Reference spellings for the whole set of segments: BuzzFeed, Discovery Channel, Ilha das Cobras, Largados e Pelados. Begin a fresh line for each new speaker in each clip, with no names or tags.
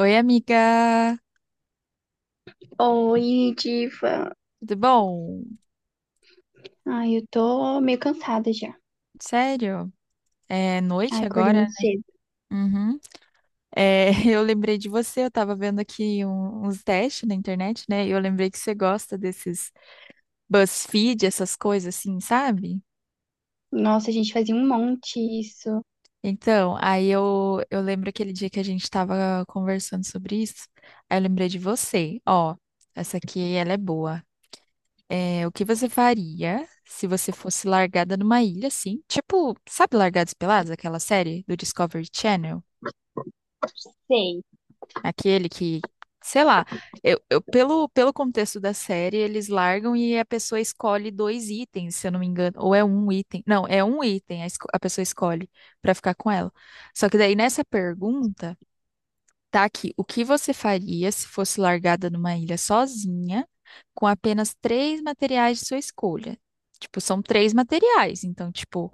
Oi, amiga.
Oi, Diva.
Tudo bom?
Ai, eu tô meio cansada já.
Sério? É noite
Ai, acordei
agora?
muito cedo.
Uhum. É, eu lembrei de você, eu tava vendo aqui uns testes na internet, né? E eu lembrei que você gosta desses BuzzFeed, essas coisas assim, sabe?
Nossa, a gente fazia um monte isso.
Então, aí eu lembro aquele dia que a gente tava conversando sobre isso, aí eu lembrei de você. Ó, essa aqui, ela é boa. É, o que você faria se você fosse largada numa ilha, assim? Tipo, sabe Largados e Pelados, aquela série do Discovery Channel?
Sei.
Aquele que, sei lá, pelo contexto da série, eles largam e a pessoa escolhe dois itens, se eu não me engano. Ou é um item. Não, é um item a pessoa escolhe pra ficar com ela. Só que daí nessa pergunta. Tá aqui. O que você faria se fosse largada numa ilha sozinha, com apenas três materiais de sua escolha? Tipo, são três materiais. Então, tipo,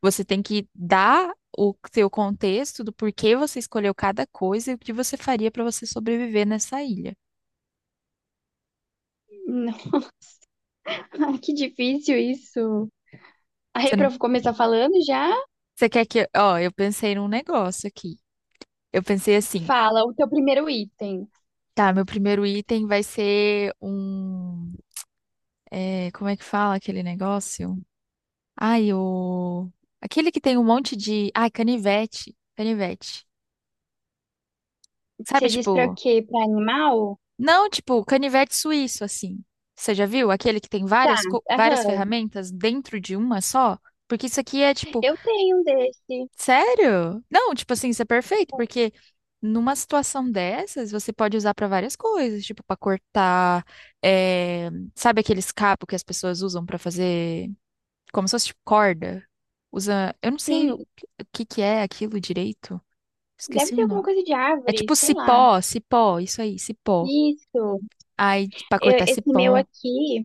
você tem que dar o seu contexto do porquê você escolheu cada coisa e o que você faria para você sobreviver nessa ilha.
Não. Ai, que difícil isso.
Você,
Aí,
n-
pra começar falando já,
você quer que. Ó, eu pensei num negócio aqui. Eu pensei assim.
fala o teu primeiro item.
Tá, meu primeiro item vai ser um. É, como é que fala aquele negócio? Ai, o. Aquele que tem um monte de. Ai, canivete. Canivete. Sabe,
Você diz pra
tipo.
quê? Pra animal?
Não, tipo, canivete suíço, assim. Você já viu? Aquele que tem
Tá,
várias, várias
aham.
ferramentas dentro de uma só? Porque isso aqui é, tipo.
Eu tenho um desse.
Sério? Não, tipo assim, isso é perfeito, porque numa situação dessas, você pode usar pra várias coisas, tipo, pra cortar. É, Sabe aqueles cabos que as pessoas usam pra fazer. Como se fosse, tipo, corda? Usa. Eu não sei
Sim,
o que que é aquilo direito.
deve
Esqueci o
ser
nome.
alguma coisa de
É
árvore,
tipo
sei lá.
cipó, cipó, isso aí, cipó.
Isso.
Aí, pra cortar
Esse meu
cipó.
aqui.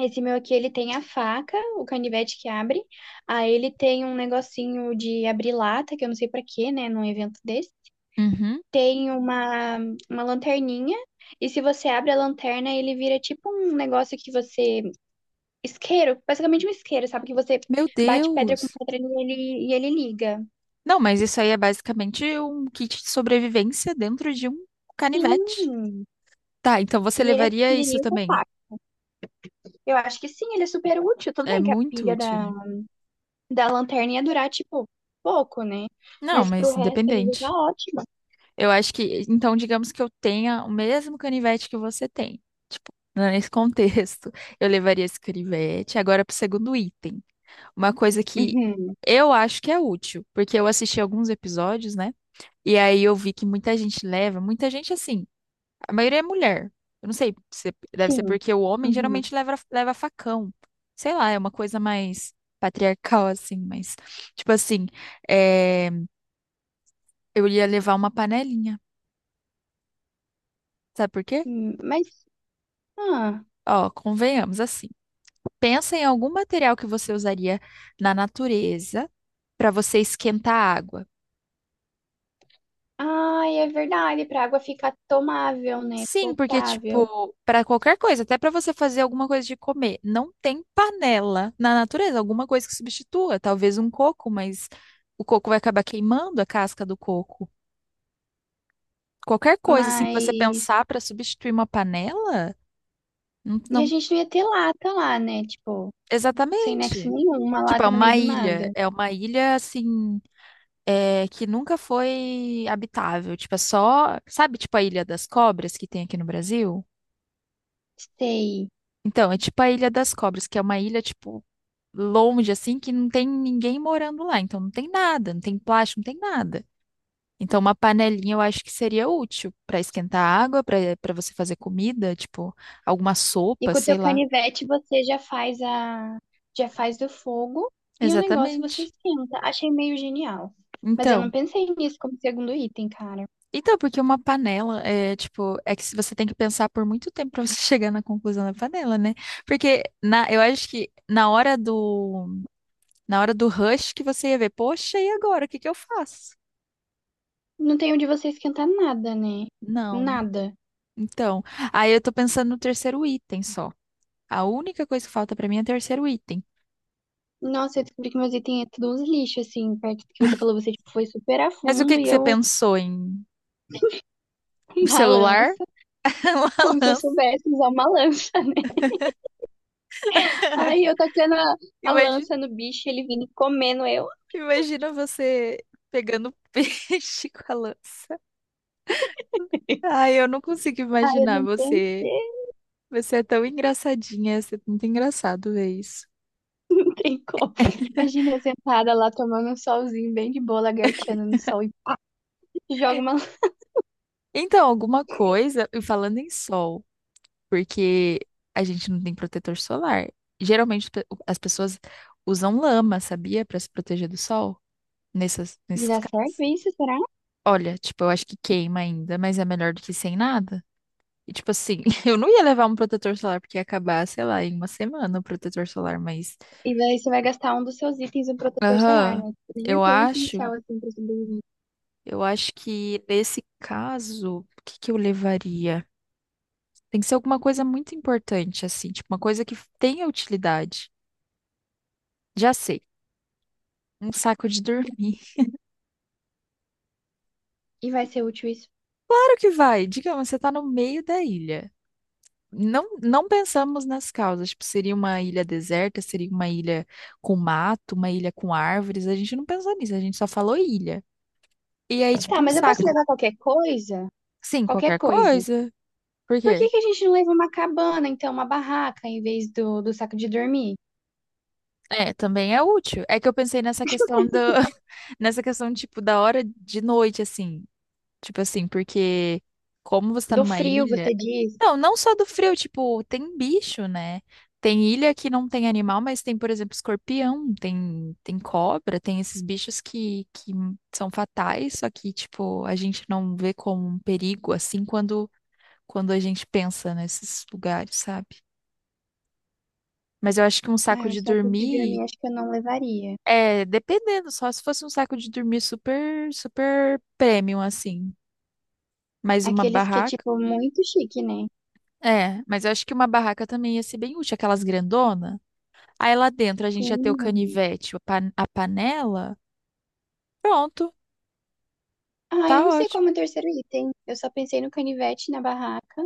Esse meu aqui, ele tem a faca, o canivete que abre. Aí ele tem um negocinho de abrir lata, que eu não sei pra quê, né, num evento desse.
Uhum.
Tem uma lanterninha. E se você abre a lanterna, ele vira tipo um negócio que você... Isqueiro, basicamente um isqueiro, sabe? Que você
Meu
bate pedra com
Deus!
pedra e ele liga.
Não, mas isso aí é basicamente um kit de sobrevivência dentro de um canivete.
Sim!
Tá, então você
E ele é
levaria isso
pequenininho e
também.
compacto. Eu acho que sim, ele é super útil. Tudo
É
bem que a
muito
pilha
útil, né?
da lanterna ia durar, tipo, pouco, né?
Não,
Mas pro
mas
resto ele já tá
independente.
ótimo.
Eu acho que, então, digamos que eu tenha o mesmo canivete que você tem. Tipo, nesse contexto, eu levaria esse canivete agora pro segundo item. Uma coisa que
Uhum,
eu acho que é útil, porque eu assisti alguns episódios, né? E aí eu vi que muita gente leva, muita gente assim, a maioria é mulher. Eu não sei, se- deve ser
sim.
porque o homem
Uhum.
geralmente leva facão. Sei lá, é uma coisa mais patriarcal, assim, mas, tipo assim, é, eu ia levar uma panelinha. Sabe por quê?
Mas, ah,
Ó, convenhamos assim. Pensa em algum material que você usaria na natureza para você esquentar água.
ai, é verdade, pra água ficar tomável, né?
Sim, porque,
Potável.
tipo, para qualquer coisa, até para você fazer alguma coisa de comer, não tem panela na natureza, alguma coisa que substitua, talvez um coco, mas o coco vai acabar queimando a casca do coco. Qualquer coisa, assim, que você
Mas.
pensar para substituir uma panela, não,
E a
não-
gente não ia ter lata lá, né? Tipo, sem nexo
exatamente.
nenhum, uma
Tipo,
lata no meio do nada.
é uma ilha, assim, é, que nunca foi habitável, tipo, é só, sabe, tipo a Ilha das Cobras que tem aqui no Brasil?
Sei.
Então, é tipo a Ilha das Cobras, que é uma ilha, tipo, longe, assim, que não tem ninguém morando lá. Então não tem nada, não tem plástico, não tem nada. Então uma panelinha eu acho que seria útil para esquentar água, para você fazer comida, tipo alguma
E
sopa,
com o
sei
teu
lá.
canivete você já faz a. Já faz o fogo e o negócio você
Exatamente.
esquenta. Achei meio genial. Mas eu
Então,
não pensei nisso como segundo item, cara.
então porque uma panela é tipo, é que se você tem que pensar por muito tempo para você chegar na conclusão da panela, né? Porque eu acho que na hora do rush que você ia ver, poxa, e agora? O que que eu faço?
Não tem onde você esquentar nada, né?
Não.
Nada.
Então, aí eu tô pensando no terceiro item só. A única coisa que falta pra mim é o terceiro item.
Nossa, eu descobri que meu zíper tinha todos uns lixos, assim, perto do que você falou, você tipo, foi super a
Mas o
fundo
que que
e
você
eu
pensou em o
na
celular?
lança,
Uma
como se eu
lança.
soubesse usar uma lança, né? Aí eu tacando a
Imagina,
lança no bicho, ele vindo e comendo eu.
imagina você pegando peixe com a lança. Ai, eu não consigo
Ai, eu
imaginar
não
você.
pensei,
Você é tão engraçadinha, você é muito engraçado ver isso.
não tem como. Imagina eu sentada lá tomando um solzinho bem de boa, lagarteando no sol e joga uma lança.
Então, alguma coisa, e falando em sol. Porque a gente não tem protetor solar. Geralmente as pessoas usam lama, sabia? Para se proteger do sol. Nessas,
E
nesses
dá
casos.
certo isso, será?
Olha, tipo, eu acho que queima ainda, mas é melhor do que sem nada. E tipo assim, eu não ia levar um protetor solar porque ia acabar, sei lá, em uma semana o protetor solar, mas.
E daí você vai gastar um dos seus itens, um protetor solar,
Aham,
né? Nem é
eu
tão
acho,
essencial assim pra sobreviver.
eu acho que nesse caso, o que que eu levaria? Tem que ser alguma coisa muito importante, assim, tipo, uma coisa que tenha utilidade. Já sei. Um saco de dormir.
E vai ser útil isso.
Claro que vai. Digamos, você está no meio da ilha. Não, não pensamos nas causas. Tipo, seria uma ilha deserta, seria uma ilha com mato, uma ilha com árvores. A gente não pensou nisso, a gente só falou ilha. E aí, tipo,
Tá,
um
mas eu posso
saco.
levar qualquer coisa?
Sim,
Qualquer
qualquer
coisa.
coisa. Por
Por
quê?
que que a gente não leva uma cabana, então, uma barraca, em vez do saco de dormir?
É, também é útil. É que eu pensei nessa questão do, nessa questão, tipo, da hora de noite, assim. Tipo assim, porque como você tá
Do
numa
frio,
ilha.
você diz?
Não, não só do frio, tipo, tem bicho, né? Tem ilha que não tem animal, mas tem, por exemplo, escorpião, tem, tem cobra, tem esses bichos que são fatais, só que, tipo, a gente não vê como um perigo, assim, quando a gente pensa nesses lugares, sabe? Mas eu acho que um saco
Ah, o
de
saco de dormir
dormir.
acho que eu não levaria.
É, dependendo, só se fosse um saco de dormir super, super premium, assim. Mas uma
Aqueles que é,
barraca.
tipo, muito chique, né?
É, mas eu acho que uma barraca também ia ser bem útil, aquelas grandona. Aí lá dentro a gente ia ter o
Sim.
canivete, a a panela. Pronto,
Ah, eu
tá
não sei
ótimo.
como é o terceiro item. Eu só pensei no canivete, na barraca.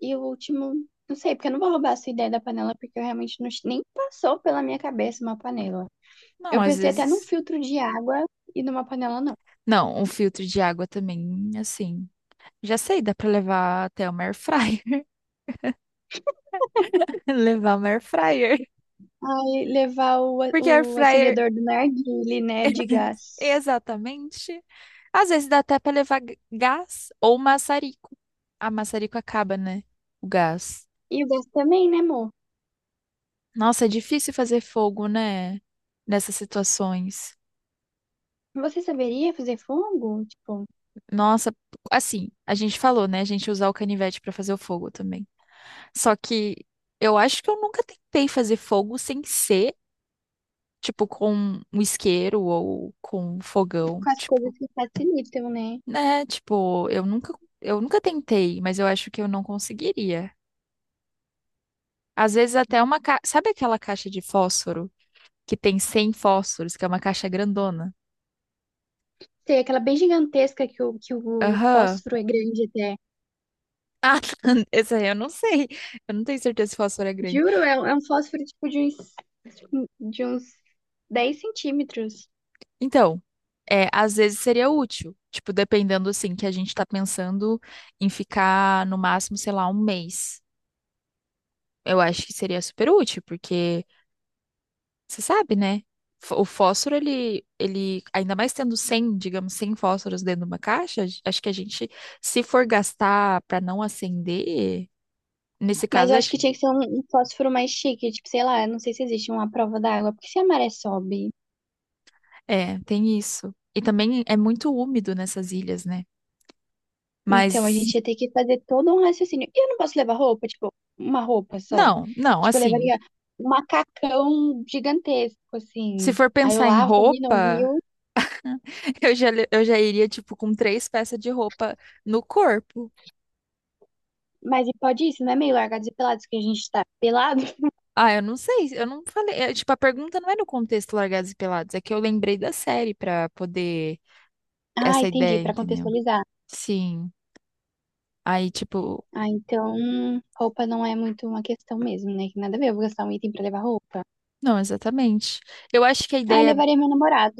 E o último, não sei, porque eu não vou roubar a sua ideia da panela, porque eu realmente não, nem passou pela minha cabeça uma panela.
Não,
Eu
às
pensei até num
vezes.
filtro de água e numa panela, não.
Não, um filtro de água também, assim. Já sei, dá pra levar até uma air fryer. Levar uma air fryer.
Ai, levar
Porque air
o
fryer.
acendedor do narguilé, né, de gás.
Exatamente. Às vezes dá até pra levar gás ou maçarico. A maçarico acaba, né? O gás.
E o gás também, né, amor?
Nossa, é difícil fazer fogo, né? Nessas situações.
Você saberia fazer fogo? Tipo,
Nossa, assim, a gente falou, né? A gente usar o canivete pra fazer o fogo também. Só que eu acho que eu nunca tentei fazer fogo sem ser, tipo, com um isqueiro ou com um fogão,
com as
tipo,
coisas que facilitam, né?
né? Tipo, eu nunca tentei, mas eu acho que eu não conseguiria. Às vezes até uma ca... Sabe aquela caixa de fósforo que tem 100 fósforos, que é uma caixa grandona?
Tem aquela bem gigantesca que que o
Aham.
fósforo é grande até.
Ah, essa aí eu não sei. Eu não tenho certeza se fósforo é grande.
Juro, é, é um fósforo, tipo, de uns 10 centímetros.
Então, é, às vezes seria útil, tipo, dependendo assim, que a gente tá pensando em ficar no máximo, sei lá, um mês. Eu acho que seria super útil, porque você sabe, né? O fósforo, ele, ainda mais tendo 100 digamos, 100 fósforos dentro de uma caixa, acho que a gente, se for gastar pra não acender, nesse
Mas
caso,
eu acho
acho,
que tinha que ser um fósforo mais chique. Tipo, sei lá, não sei se existe uma prova d'água. Porque se a maré sobe.
é, tem isso. E também é muito úmido nessas ilhas, né?
Então, a gente
Mas,
ia ter que fazer todo um raciocínio. E eu não posso levar roupa, tipo, uma roupa só.
não, não,
Tipo, eu
assim,
levaria um macacão gigantesco,
se
assim.
for
Aí eu
pensar em
lavo ali no
roupa.
rio.
Eu já iria, tipo, com três peças de roupa no corpo.
Mas e pode isso, não é meio largados e pelados que a gente tá pelado?
Ah, eu não sei, eu não falei. É, tipo, a pergunta não é no contexto Largados e Pelados, é que eu lembrei da série pra poder.
Ah,
Essa
entendi,
ideia,
pra
entendeu?
contextualizar.
Sim. Aí, tipo,
Ah, então roupa não é muito uma questão mesmo, né? Que nada a ver, eu vou gastar um item pra levar roupa.
não, exatamente. Eu acho que a
Ah, eu
ideia.
levaria meu namorado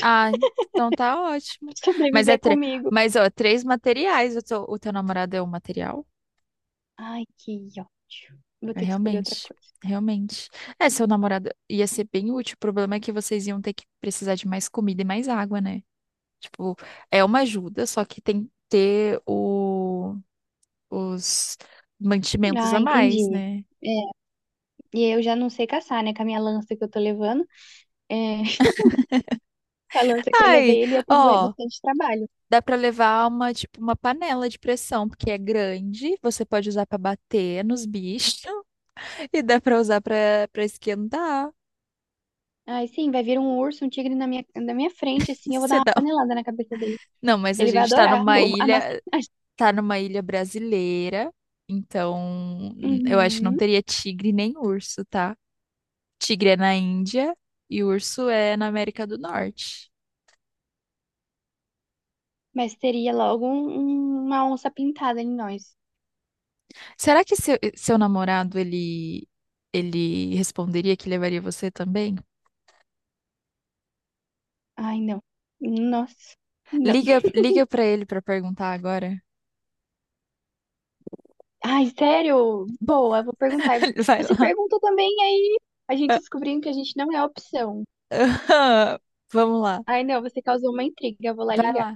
Ah, então tá ótimo.
pra
Mas é
sobreviver
tre...
comigo.
Mas, ó, três materiais. O teu namorado é um material?
Ai, que ótimo. Vou
É,
ter que escolher outra
realmente.
coisa.
Realmente. É, seu namorado ia ser bem útil. O problema é que vocês iam ter que precisar de mais comida e mais água, né? Tipo, é uma ajuda, só que tem que ter os mantimentos
Ah,
a mais,
entendi.
né?
E eu já não sei caçar, né? Com a minha lança que eu tô levando. É, a lança que eu
Ai,
levei, ele ia ter
ó,
bastante trabalho.
dá pra levar uma, tipo, uma panela de pressão, porque é grande, você pode usar pra bater nos bichos e dá pra usar pra para esquentar.
Aí sim, vai vir um urso, um tigre na minha frente, assim, eu vou dar
Você
uma
dá...
panelada na cabeça dele.
Não, mas a
Ele vai
gente tá
adorar
numa
vou a massagem.
ilha, tá numa ilha brasileira, então eu acho que não
Uhum.
teria tigre nem urso, tá? Tigre é na Índia e urso é na América do Norte.
Mas teria logo uma onça pintada em nós.
Será que seu namorado, ele responderia que levaria você também?
Ai, não. Nossa. Não.
Liga, liga para ele para perguntar agora.
Ai, sério? Boa, vou perguntar.
Vai
Você
lá.
pergunta também, aí a gente descobrindo que a gente não é opção.
Vamos lá.
Ai, não, você causou uma intriga. Eu vou lá
Vai
ligar.
lá.